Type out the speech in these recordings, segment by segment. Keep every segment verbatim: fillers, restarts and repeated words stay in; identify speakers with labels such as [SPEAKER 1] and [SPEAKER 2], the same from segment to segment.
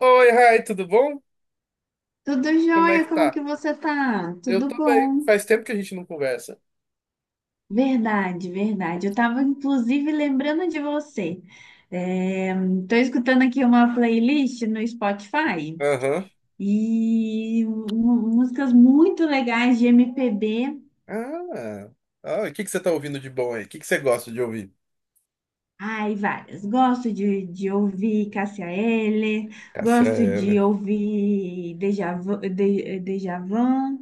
[SPEAKER 1] Oi, Rai, tudo bom?
[SPEAKER 2] Tudo
[SPEAKER 1] Como é
[SPEAKER 2] jóia,
[SPEAKER 1] que
[SPEAKER 2] como
[SPEAKER 1] tá?
[SPEAKER 2] que você tá?
[SPEAKER 1] Eu
[SPEAKER 2] Tudo
[SPEAKER 1] tô bem.
[SPEAKER 2] bom?
[SPEAKER 1] Faz tempo que a gente não conversa.
[SPEAKER 2] Verdade, verdade. Eu tava inclusive lembrando de você. É, Tô escutando aqui uma playlist no Spotify
[SPEAKER 1] Aham.
[SPEAKER 2] e mu- músicas muito legais de M P B.
[SPEAKER 1] Ah. Ah, e o que que você tá ouvindo de bom aí? O que que você gosta de ouvir?
[SPEAKER 2] Ai, várias. Gosto de, de ouvir Cássia Eller,
[SPEAKER 1] Cássia
[SPEAKER 2] gosto de
[SPEAKER 1] Eller.
[SPEAKER 2] ouvir Djavan,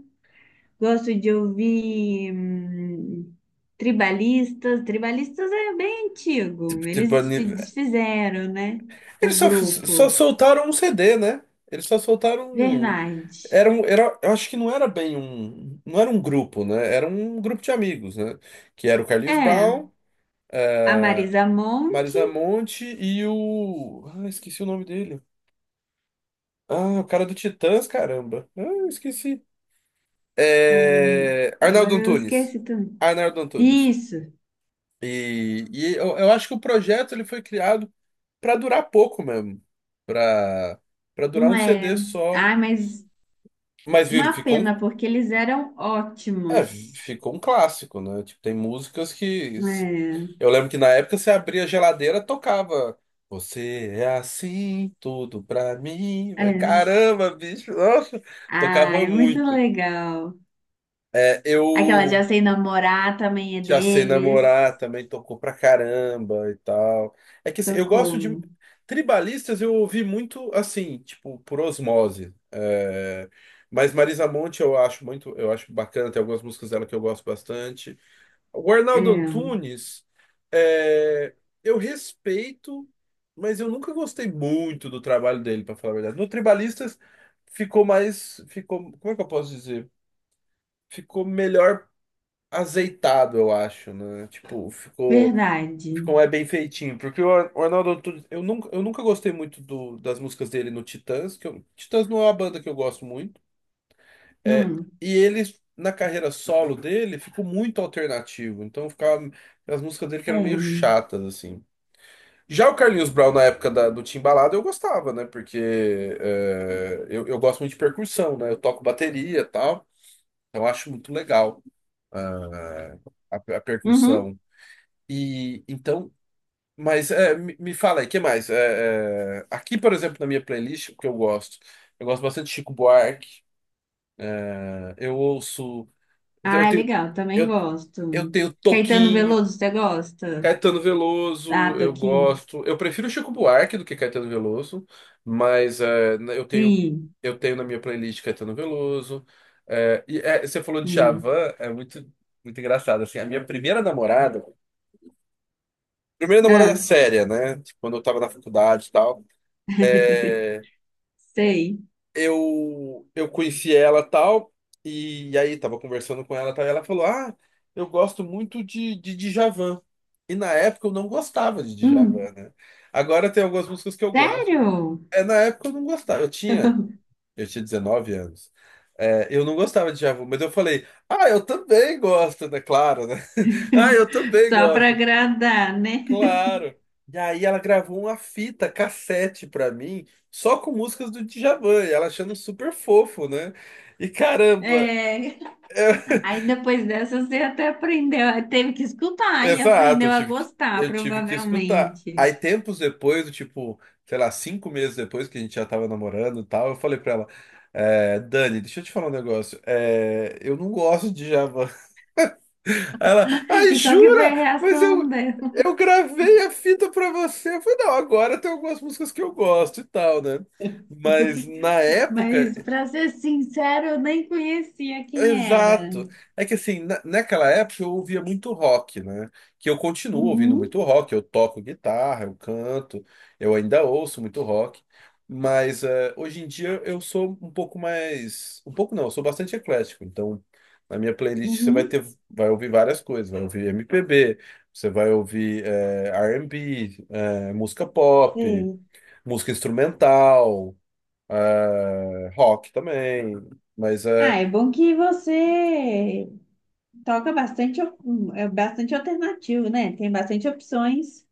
[SPEAKER 2] gosto de ouvir hum, tribalistas. Tribalistas é bem antigo.
[SPEAKER 1] Tipo, tipo,
[SPEAKER 2] Eles
[SPEAKER 1] ani-
[SPEAKER 2] se desfizeram, né? O
[SPEAKER 1] eles só, só
[SPEAKER 2] grupo.
[SPEAKER 1] soltaram um C D, né? Eles só soltaram um...
[SPEAKER 2] Verdade.
[SPEAKER 1] Era um, era, eu acho que não era bem um... Não era um grupo, né? Era um grupo de amigos, né? Que era o Carlinhos
[SPEAKER 2] É,
[SPEAKER 1] Brown,
[SPEAKER 2] a Marisa Monte.
[SPEAKER 1] Marisa Monte e o... Ah, esqueci o nome dele. Ah, o cara do Titãs, caramba. Ah, eu esqueci.
[SPEAKER 2] o-
[SPEAKER 1] É, Arnaldo
[SPEAKER 2] Agora eu
[SPEAKER 1] Antunes.
[SPEAKER 2] esqueci também.
[SPEAKER 1] Arnaldo Antunes.
[SPEAKER 2] Isso.
[SPEAKER 1] E, e eu, eu acho que o projeto ele foi criado para durar pouco mesmo. Para para durar
[SPEAKER 2] Não
[SPEAKER 1] um
[SPEAKER 2] é.
[SPEAKER 1] C D só.
[SPEAKER 2] Ah, mas
[SPEAKER 1] Mas viu,
[SPEAKER 2] uma
[SPEAKER 1] ficou um,
[SPEAKER 2] pena, porque eles eram
[SPEAKER 1] é,
[SPEAKER 2] ótimos.
[SPEAKER 1] ficou um clássico, né? Tipo, tem músicas que.
[SPEAKER 2] É,
[SPEAKER 1] Eu lembro que na época você abria a geladeira, tocava. Você é assim, tudo pra mim.
[SPEAKER 2] é.
[SPEAKER 1] Caramba, bicho, nossa,
[SPEAKER 2] Ah,
[SPEAKER 1] tocava
[SPEAKER 2] é muito legal.
[SPEAKER 1] muito.
[SPEAKER 2] Legal.
[SPEAKER 1] É,
[SPEAKER 2] Aquela Já
[SPEAKER 1] Eu,
[SPEAKER 2] Sei Namorar também é
[SPEAKER 1] Já sei
[SPEAKER 2] deles.
[SPEAKER 1] namorar também tocou pra caramba e tal. É que assim, eu gosto
[SPEAKER 2] Tocou.
[SPEAKER 1] de. Tribalistas eu ouvi muito assim, tipo, por osmose. É, Mas Marisa Monte eu acho muito, eu acho bacana, tem algumas músicas dela que eu gosto bastante. O
[SPEAKER 2] É,
[SPEAKER 1] Arnaldo Antunes, é, eu respeito, mas eu nunca gostei muito do trabalho dele, pra falar a verdade. No Tribalistas ficou mais, ficou, como é que eu posso dizer? Ficou melhor azeitado, eu acho, né? Tipo, ficou,
[SPEAKER 2] verdade.
[SPEAKER 1] ficou é bem feitinho. Porque o Ar- o Arnaldo Antunes, eu nunca, eu nunca gostei muito do, das músicas dele no Titãs, que eu- Titãs não é uma banda que eu gosto muito. É,
[SPEAKER 2] Hum,
[SPEAKER 1] e ele, na carreira solo dele, ficou muito alternativo. Então ficava as músicas dele que eram meio
[SPEAKER 2] é.
[SPEAKER 1] chatas, assim. Já o Carlinhos Brown, na época da, do Timbalada, eu gostava, né? Porque é, eu, eu gosto muito de percussão, né? Eu toco bateria e tal. Eu acho muito legal ah, a a
[SPEAKER 2] Uhum.
[SPEAKER 1] percussão. E então, mas é, me, me fala aí, o que mais? É, é, aqui, por exemplo, na minha playlist, o que eu gosto? Eu gosto bastante de Chico Buarque, né? Eu ouço, eu
[SPEAKER 2] Ah, é
[SPEAKER 1] tenho,
[SPEAKER 2] legal, também
[SPEAKER 1] eu, eu
[SPEAKER 2] gosto.
[SPEAKER 1] tenho
[SPEAKER 2] Caetano
[SPEAKER 1] Toquinho,
[SPEAKER 2] Veloso, você gosta?
[SPEAKER 1] Caetano
[SPEAKER 2] Ah,
[SPEAKER 1] Veloso,
[SPEAKER 2] tô
[SPEAKER 1] eu
[SPEAKER 2] aqui.
[SPEAKER 1] gosto. Eu prefiro Chico Buarque do que Caetano Veloso, mas é, na- eu tenho,
[SPEAKER 2] Sim.
[SPEAKER 1] eu tenho na minha playlist Caetano Veloso. É, e é, você falou de
[SPEAKER 2] Hum.
[SPEAKER 1] Djavan, é muito, muito engraçado assim. A minha primeira namorada. Primeira namorada
[SPEAKER 2] Ah,
[SPEAKER 1] séria, né? Tipo, quando eu tava na faculdade e tal. É,
[SPEAKER 2] sei.
[SPEAKER 1] eu eu conheci ela tal e aí tava conversando com ela tal e ela falou: "Ah, eu gosto muito de de Djavan". E na época eu não gostava de
[SPEAKER 2] Hum,
[SPEAKER 1] Djavan, né? Agora tem algumas músicas que eu gosto.
[SPEAKER 2] sério?
[SPEAKER 1] É, na época eu não gostava. Eu tinha eu tinha dezenove anos. É, eu não gostava de Djavan, mas eu falei: "Ah, eu também gosto", né? Claro, né? "Ah, eu também
[SPEAKER 2] Só pra
[SPEAKER 1] gosto".
[SPEAKER 2] agradar, né?
[SPEAKER 1] Claro. E aí ela gravou uma fita cassete pra mim, só com músicas do Djavan, e ela achando super fofo, né? E caramba,
[SPEAKER 2] É.
[SPEAKER 1] é-
[SPEAKER 2] Aí depois dessa você até aprendeu, teve que escutar e
[SPEAKER 1] exato, eu
[SPEAKER 2] aprendeu a
[SPEAKER 1] tive que,
[SPEAKER 2] gostar,
[SPEAKER 1] eu tive que escutar.
[SPEAKER 2] provavelmente.
[SPEAKER 1] Aí tempos depois, do tipo, sei lá, cinco meses depois que a gente já tava namorando e tal, eu falei pra ela, é, Dani, deixa eu te falar um negócio, é, eu não gosto de Djavan. Aí ela, ai,
[SPEAKER 2] E qual que foi a
[SPEAKER 1] jura? Mas
[SPEAKER 2] reação
[SPEAKER 1] eu,
[SPEAKER 2] dela?
[SPEAKER 1] eu gravei a fita pra você. Eu falei, não, agora tem algumas músicas que eu gosto e tal, né? Mas na época.
[SPEAKER 2] Mas, para ser sincero, eu nem conhecia quem era.
[SPEAKER 1] Exato. É que assim, na- naquela época eu ouvia muito rock, né? Que eu continuo ouvindo
[SPEAKER 2] Uhum,
[SPEAKER 1] muito rock, eu toco guitarra, eu canto, eu ainda ouço muito rock. Mas eh, hoje em dia eu sou um pouco mais. Um pouco não, eu sou bastante eclético. Então, na minha playlist você vai
[SPEAKER 2] uhum,
[SPEAKER 1] ter, vai ouvir várias coisas, vai ouvir M P B, você vai ouvir eh, R and B, eh, música pop,
[SPEAKER 2] sei.
[SPEAKER 1] música instrumental, eh, rock também. Mas
[SPEAKER 2] Ah,
[SPEAKER 1] é.
[SPEAKER 2] é bom que você toca bastante, al- é bastante alternativo, né? Tem bastante opções.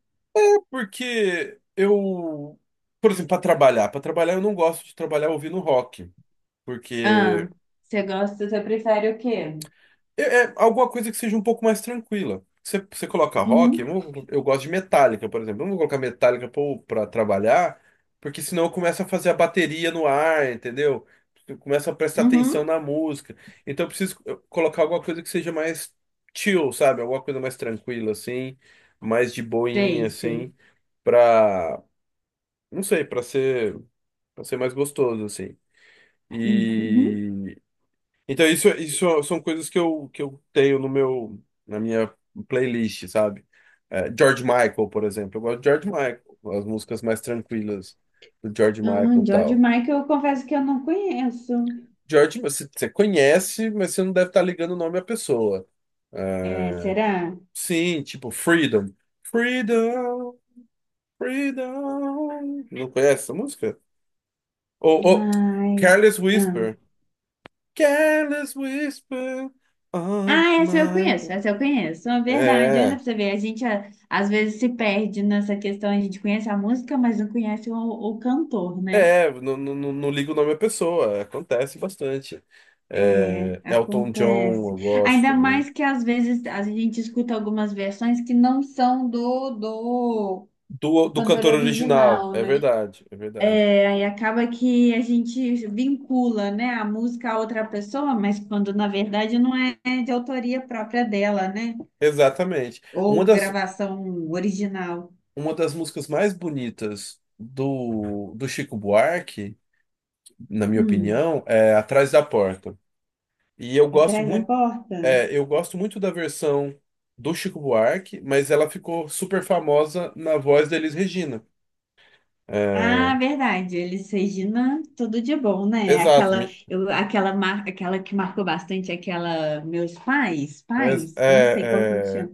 [SPEAKER 1] Porque eu, por exemplo, para trabalhar, para trabalhar eu não gosto de trabalhar ouvindo rock,
[SPEAKER 2] Ah,
[SPEAKER 1] porque
[SPEAKER 2] você gosta, você prefere o quê?
[SPEAKER 1] é, é alguma coisa que seja um pouco mais tranquila. Você, você coloca rock, eu,
[SPEAKER 2] Uhum,
[SPEAKER 1] não- eu gosto de Metallica, por exemplo. Eu não vou colocar Metallica para trabalhar, porque senão eu começo a fazer a bateria no ar, entendeu? Eu começo a prestar atenção
[SPEAKER 2] uhum,
[SPEAKER 1] na música. Então eu preciso eh, colocar alguma coisa que seja mais chill, sabe? Alguma coisa mais tranquila, assim, mais de boinha,
[SPEAKER 2] sei, sei.
[SPEAKER 1] assim, pra, não sei, pra ser. Pra ser mais gostoso, assim.
[SPEAKER 2] Uhum.
[SPEAKER 1] E então isso, isso são coisas que eu, que eu tenho no meu, na minha playlist, sabe? É, George Michael, por exemplo. Eu gosto de George Michael, as músicas mais tranquilas do George
[SPEAKER 2] Ah,
[SPEAKER 1] Michael e
[SPEAKER 2] George
[SPEAKER 1] tal.
[SPEAKER 2] Michael, eu confesso que eu não conheço.
[SPEAKER 1] George, você, você conhece, mas você não deve estar ligando o nome à pessoa.
[SPEAKER 2] É,
[SPEAKER 1] É,
[SPEAKER 2] será?
[SPEAKER 1] Sim, tipo Freedom. Freedom, Freedom. Não conhece essa música? Ou, ou
[SPEAKER 2] Ai,
[SPEAKER 1] Careless
[SPEAKER 2] ah.
[SPEAKER 1] Whisper. Careless whisper of
[SPEAKER 2] Ah, essa eu
[SPEAKER 1] my...
[SPEAKER 2] conheço, essa eu conheço. É verdade. Olha pra
[SPEAKER 1] É,
[SPEAKER 2] você ver, a gente a- às vezes se perde nessa questão. A gente conhece a música, mas não conhece o, o cantor, né?
[SPEAKER 1] é, não, não, não não ligo o nome da pessoa, acontece bastante.
[SPEAKER 2] É,
[SPEAKER 1] É, Elton John,
[SPEAKER 2] acontece.
[SPEAKER 1] eu gosto
[SPEAKER 2] Ainda
[SPEAKER 1] também.
[SPEAKER 2] mais que às vezes a gente escuta algumas versões que não são do, do
[SPEAKER 1] Do, do
[SPEAKER 2] cantor
[SPEAKER 1] cantor original,
[SPEAKER 2] original,
[SPEAKER 1] é
[SPEAKER 2] né?
[SPEAKER 1] verdade, é verdade.
[SPEAKER 2] É, aí acaba que a gente vincula, né, a música a outra pessoa, mas quando na verdade não é de autoria própria dela, né?
[SPEAKER 1] Exatamente.
[SPEAKER 2] Ou
[SPEAKER 1] Uma das,
[SPEAKER 2] gravação original.
[SPEAKER 1] uma das músicas mais bonitas do, do Chico Buarque, na minha
[SPEAKER 2] Hum,
[SPEAKER 1] opinião, é Atrás da Porta. E eu gosto
[SPEAKER 2] atrás da
[SPEAKER 1] muito.
[SPEAKER 2] porta?
[SPEAKER 1] É, eu gosto muito da versão do Chico Buarque, mas ela ficou super famosa na voz da Elis Regina.
[SPEAKER 2] Ah,
[SPEAKER 1] É,
[SPEAKER 2] verdade. Eles Regina, tudo de bom, né?
[SPEAKER 1] exato.
[SPEAKER 2] Aquela,
[SPEAKER 1] mi-
[SPEAKER 2] eu, aquela, mar, aquela que marcou bastante, aquela meus pais,
[SPEAKER 1] É,
[SPEAKER 2] pais, não sei qual que me
[SPEAKER 1] é, é,
[SPEAKER 2] chama,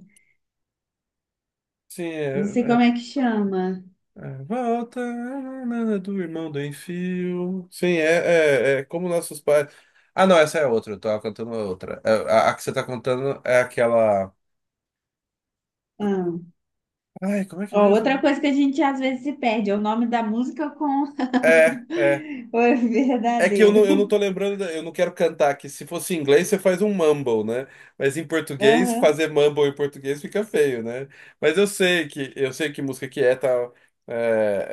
[SPEAKER 1] sim, é,
[SPEAKER 2] não sei como
[SPEAKER 1] é,
[SPEAKER 2] é que chama.
[SPEAKER 1] é, volta nanana, do irmão do Enfio. Sim, é, é, é como nossos pais. Ah, não, essa é outra. Eu tava cantando outra. É, A, a que você tá contando é aquela.
[SPEAKER 2] Ah,
[SPEAKER 1] Ai, como é que é
[SPEAKER 2] ó, outra
[SPEAKER 1] mesmo?
[SPEAKER 2] coisa que a gente às vezes se perde é o nome da música com
[SPEAKER 1] É, é.
[SPEAKER 2] o
[SPEAKER 1] É que eu não, eu não
[SPEAKER 2] verdadeiro.
[SPEAKER 1] tô lembrando, da- eu não quero cantar, que se fosse em inglês você faz um mumble, né? Mas em português,
[SPEAKER 2] Aham,
[SPEAKER 1] fazer mumble em português fica feio, né? Mas eu sei que eu sei que música que é, tal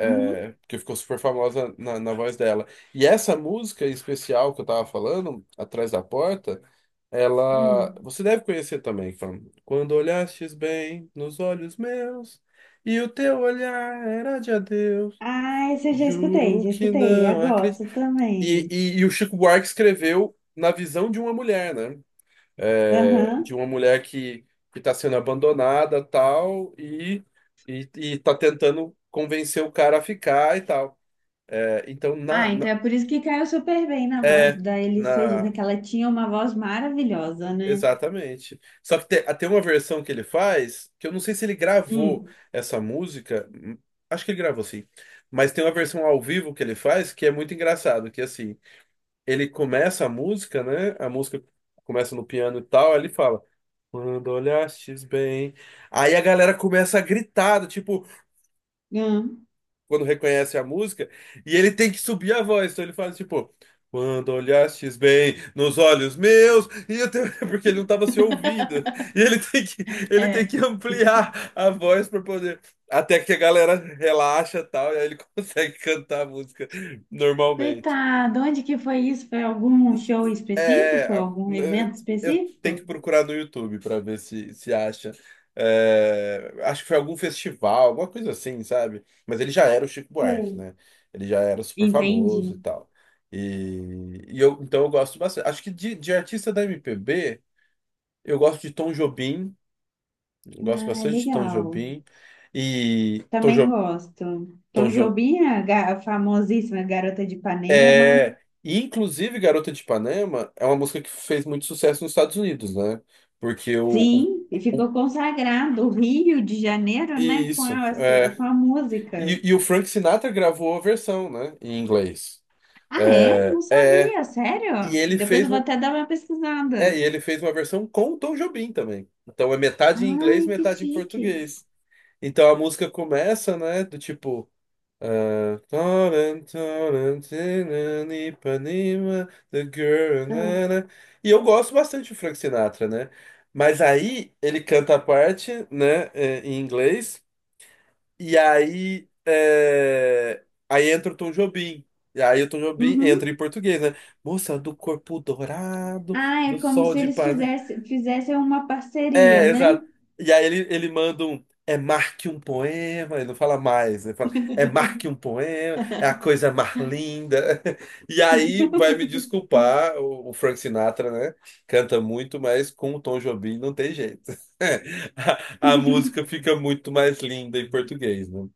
[SPEAKER 2] uhum,
[SPEAKER 1] é, porque ficou super famosa na, na voz dela. E essa música em especial que eu tava falando, Atrás da Porta, ela.
[SPEAKER 2] hum.
[SPEAKER 1] Você deve conhecer também, fam. Quando olhastes bem nos olhos meus, e o teu olhar era de adeus.
[SPEAKER 2] Ah, esse eu já escutei,
[SPEAKER 1] Juro
[SPEAKER 2] já
[SPEAKER 1] que
[SPEAKER 2] escutei. Eu
[SPEAKER 1] não.
[SPEAKER 2] gosto
[SPEAKER 1] e,
[SPEAKER 2] também.
[SPEAKER 1] e, e o Chico Buarque escreveu na visão de uma mulher, né? É, de
[SPEAKER 2] Aham.
[SPEAKER 1] uma mulher que que está sendo abandonada, tal, e, e, e tá tentando convencer o cara a ficar e tal. É, então, na,
[SPEAKER 2] Ah, então
[SPEAKER 1] na-
[SPEAKER 2] é por isso que caiu super bem na voz
[SPEAKER 1] é,
[SPEAKER 2] da Elis
[SPEAKER 1] na,
[SPEAKER 2] Regina, que ela tinha uma voz maravilhosa, né?
[SPEAKER 1] exatamente. Só que tem, tem uma versão que ele faz, que eu não sei se ele gravou
[SPEAKER 2] Hum,
[SPEAKER 1] essa música, hum, acho que ele gravou sim, mas tem uma versão ao vivo que ele faz que é muito engraçado, que é assim. Ele começa a música, né? A música começa no piano e tal, aí ele fala. Quando olhastes bem. Aí a galera começa a gritar, do tipo,
[SPEAKER 2] hum,
[SPEAKER 1] quando reconhece a música, e ele tem que subir a voz. Então ele faz tipo, quando olhastes bem nos olhos meus, e eu tenho... porque ele não estava se ouvindo. E ele tem que, ele tem
[SPEAKER 2] é.
[SPEAKER 1] que ampliar a voz para poder. Até que a galera relaxa e tal, e aí ele consegue cantar a música normalmente.
[SPEAKER 2] Coitado, onde que foi isso? Foi algum show
[SPEAKER 1] É,
[SPEAKER 2] específico?
[SPEAKER 1] é, a-
[SPEAKER 2] Algum evento
[SPEAKER 1] eu tenho que
[SPEAKER 2] específico?
[SPEAKER 1] procurar no YouTube para ver se se acha. É, acho que foi algum festival, alguma coisa assim, sabe? Mas ele já era o Chico Buarque,
[SPEAKER 2] Sei.
[SPEAKER 1] né? Ele já era super famoso e
[SPEAKER 2] Entendi.
[SPEAKER 1] tal. E, e eu, então eu gosto bastante. Acho que de, de artista da M P B, eu gosto de Tom Jobim, eu gosto
[SPEAKER 2] Ah,
[SPEAKER 1] bastante de Tom
[SPEAKER 2] legal.
[SPEAKER 1] Jobim. E Tom,
[SPEAKER 2] Também
[SPEAKER 1] jo,
[SPEAKER 2] gosto. Tom
[SPEAKER 1] Tom Jobim.
[SPEAKER 2] Jobim, a ga- famosíssima Garota de Ipanema.
[SPEAKER 1] É, e inclusive Garota de Ipanema é uma música que fez muito sucesso nos Estados Unidos, né? Porque o, o,
[SPEAKER 2] Sim, e
[SPEAKER 1] o-
[SPEAKER 2] ficou consagrado o Rio de Janeiro, né? Com
[SPEAKER 1] isso,
[SPEAKER 2] a, su-
[SPEAKER 1] é.
[SPEAKER 2] com a música.
[SPEAKER 1] E, e o Frank Sinatra gravou a versão, né, em inglês.
[SPEAKER 2] Ah, é?
[SPEAKER 1] É,
[SPEAKER 2] Não
[SPEAKER 1] é,
[SPEAKER 2] sabia,
[SPEAKER 1] e
[SPEAKER 2] sério?
[SPEAKER 1] ele
[SPEAKER 2] Depois eu
[SPEAKER 1] fez
[SPEAKER 2] vou
[SPEAKER 1] um,
[SPEAKER 2] até dar uma
[SPEAKER 1] é, e
[SPEAKER 2] pesquisada.
[SPEAKER 1] ele fez uma versão com o Tom Jobim também. Então é metade em inglês,
[SPEAKER 2] Ai, que
[SPEAKER 1] metade em
[SPEAKER 2] chique.
[SPEAKER 1] português. Então a música começa, né, do tipo Uh, Florentina, Ipanema, The Girl.
[SPEAKER 2] Ah,
[SPEAKER 1] Na, na. E eu gosto bastante do Frank Sinatra, né? Mas aí ele canta a parte, né, é, em inglês, e aí, é, aí entra o Tom Jobim. E aí o Tom Jobim entra
[SPEAKER 2] uhum.
[SPEAKER 1] em português, né? Moça do corpo dourado,
[SPEAKER 2] Ah, é
[SPEAKER 1] do
[SPEAKER 2] como
[SPEAKER 1] sol
[SPEAKER 2] se
[SPEAKER 1] de
[SPEAKER 2] eles
[SPEAKER 1] Ipanema.
[SPEAKER 2] fizessem, fizessem uma parceria,
[SPEAKER 1] É,
[SPEAKER 2] né?
[SPEAKER 1] exato. E aí ele, ele manda um. É marque um poema, ele não fala mais, ele fala, é marque um poema, é a coisa mais linda. E aí vai me desculpar, o, o Frank Sinatra, né? Canta muito, mas com o Tom Jobim não tem jeito. A, a música fica muito mais linda em português, né?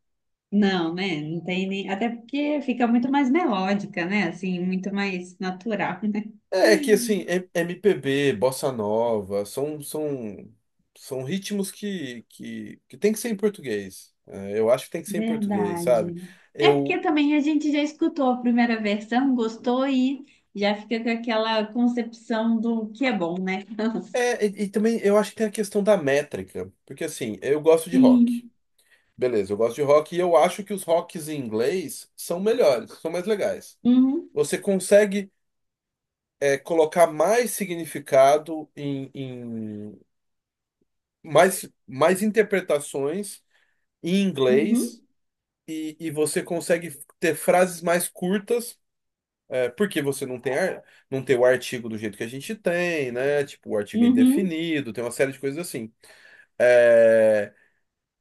[SPEAKER 2] Não, né? Não tem nem. Até porque fica muito mais melódica, né? Assim, muito mais natural, né?
[SPEAKER 1] É que assim, M- MPB, bossa nova, são, são, são ritmos que, que, que tem que ser em português. É, eu acho que tem que ser em português,
[SPEAKER 2] Verdade.
[SPEAKER 1] sabe?
[SPEAKER 2] É porque
[SPEAKER 1] Eu,
[SPEAKER 2] também a gente já escutou a primeira versão, gostou e já fica com aquela concepção do que é bom, né?
[SPEAKER 1] é, e, e também eu acho que tem a questão da métrica, porque assim, eu gosto de rock.
[SPEAKER 2] Sim.
[SPEAKER 1] Beleza, eu gosto de rock e eu acho que os rocks em inglês são melhores, são mais legais.
[SPEAKER 2] Uhum,
[SPEAKER 1] Você consegue, é, colocar mais significado em, em mais, mais interpretações em
[SPEAKER 2] uhum,
[SPEAKER 1] inglês e, e você consegue ter frases mais curtas, é, porque você não tem, ar- não tem o artigo do jeito que a gente tem, né? Tipo, o artigo é
[SPEAKER 2] uhum.
[SPEAKER 1] indefinido, tem uma série de coisas assim. É,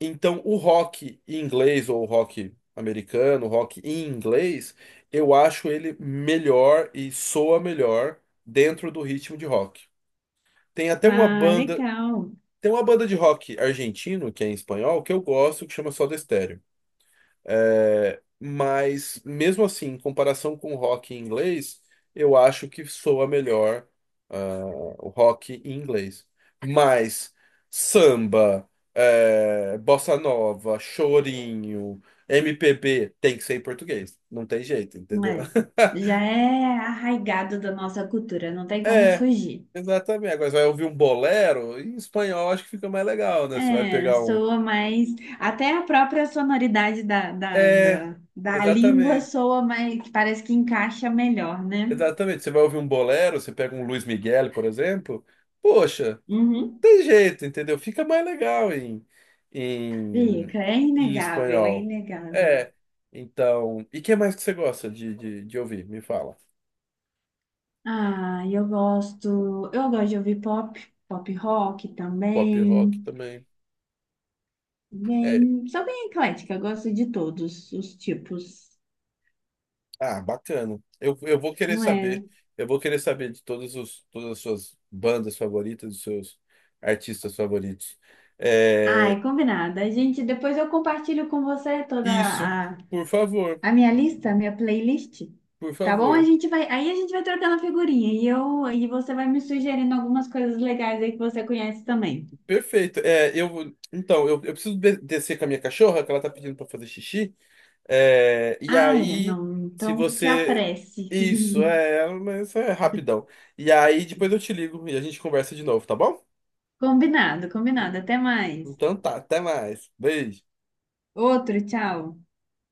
[SPEAKER 1] então, o rock em inglês ou o rock americano, o rock em inglês, eu acho ele melhor e soa melhor dentro do ritmo de rock. Tem até uma
[SPEAKER 2] Ah,
[SPEAKER 1] banda,
[SPEAKER 2] legal.
[SPEAKER 1] tem uma banda de rock argentino, que é em espanhol, que eu gosto, que chama Soda Stereo. É, mas, mesmo assim, em comparação com o rock em inglês, eu acho que soa melhor, ah, o rock em inglês. Mas samba, é, bossa nova, chorinho, M P B, tem que ser em português. Não tem jeito, entendeu?
[SPEAKER 2] É. Já é arraigado da nossa cultura, não tem como
[SPEAKER 1] É,
[SPEAKER 2] fugir.
[SPEAKER 1] exatamente. Agora você vai ouvir um bolero, em espanhol acho que fica mais legal, né? Você vai
[SPEAKER 2] É,
[SPEAKER 1] pegar um.
[SPEAKER 2] soa mais. Até a própria sonoridade da, da,
[SPEAKER 1] É,
[SPEAKER 2] da, da língua
[SPEAKER 1] exatamente.
[SPEAKER 2] soa mais, que parece que encaixa melhor, né?
[SPEAKER 1] Exatamente, você vai ouvir um bolero, você pega um Luiz Miguel, por exemplo, poxa,
[SPEAKER 2] Uhum.
[SPEAKER 1] tem jeito, entendeu? Fica mais legal em, em,
[SPEAKER 2] Fica, é
[SPEAKER 1] em
[SPEAKER 2] inegável, é
[SPEAKER 1] espanhol.
[SPEAKER 2] inegável.
[SPEAKER 1] É, então. E que mais que você gosta de, de, de ouvir? Me fala.
[SPEAKER 2] Ah, eu gosto, eu gosto de ouvir pop, pop rock
[SPEAKER 1] Pop rock
[SPEAKER 2] também.
[SPEAKER 1] também. É,
[SPEAKER 2] Bem, sou bem eclética, gosto de todos os tipos.
[SPEAKER 1] ah, bacana. Eu, eu vou querer saber.
[SPEAKER 2] É.
[SPEAKER 1] Eu vou querer saber de todas os, todas as suas bandas favoritas, dos seus artistas favoritos. É,
[SPEAKER 2] Ai, combinado. A gente, depois eu compartilho com você toda
[SPEAKER 1] isso,
[SPEAKER 2] a,
[SPEAKER 1] por favor,
[SPEAKER 2] a minha lista, a minha playlist.
[SPEAKER 1] por
[SPEAKER 2] Tá bom? A
[SPEAKER 1] favor.
[SPEAKER 2] gente vai, aí a gente vai trocando figurinha e eu e você vai me sugerindo algumas coisas legais aí que você conhece também.
[SPEAKER 1] Perfeito. É, eu, então, eu, eu preciso de- descer com a minha cachorra, que ela tá pedindo pra fazer xixi. É, e
[SPEAKER 2] Ah, é,
[SPEAKER 1] aí,
[SPEAKER 2] não.
[SPEAKER 1] se
[SPEAKER 2] Então se
[SPEAKER 1] você.
[SPEAKER 2] apresse.
[SPEAKER 1] Isso, é, mas é rapidão. E aí, depois eu te ligo e a gente conversa de novo, tá bom?
[SPEAKER 2] Combinado, combinado. Até mais.
[SPEAKER 1] Então tá, até mais. Beijo.
[SPEAKER 2] Outro, tchau.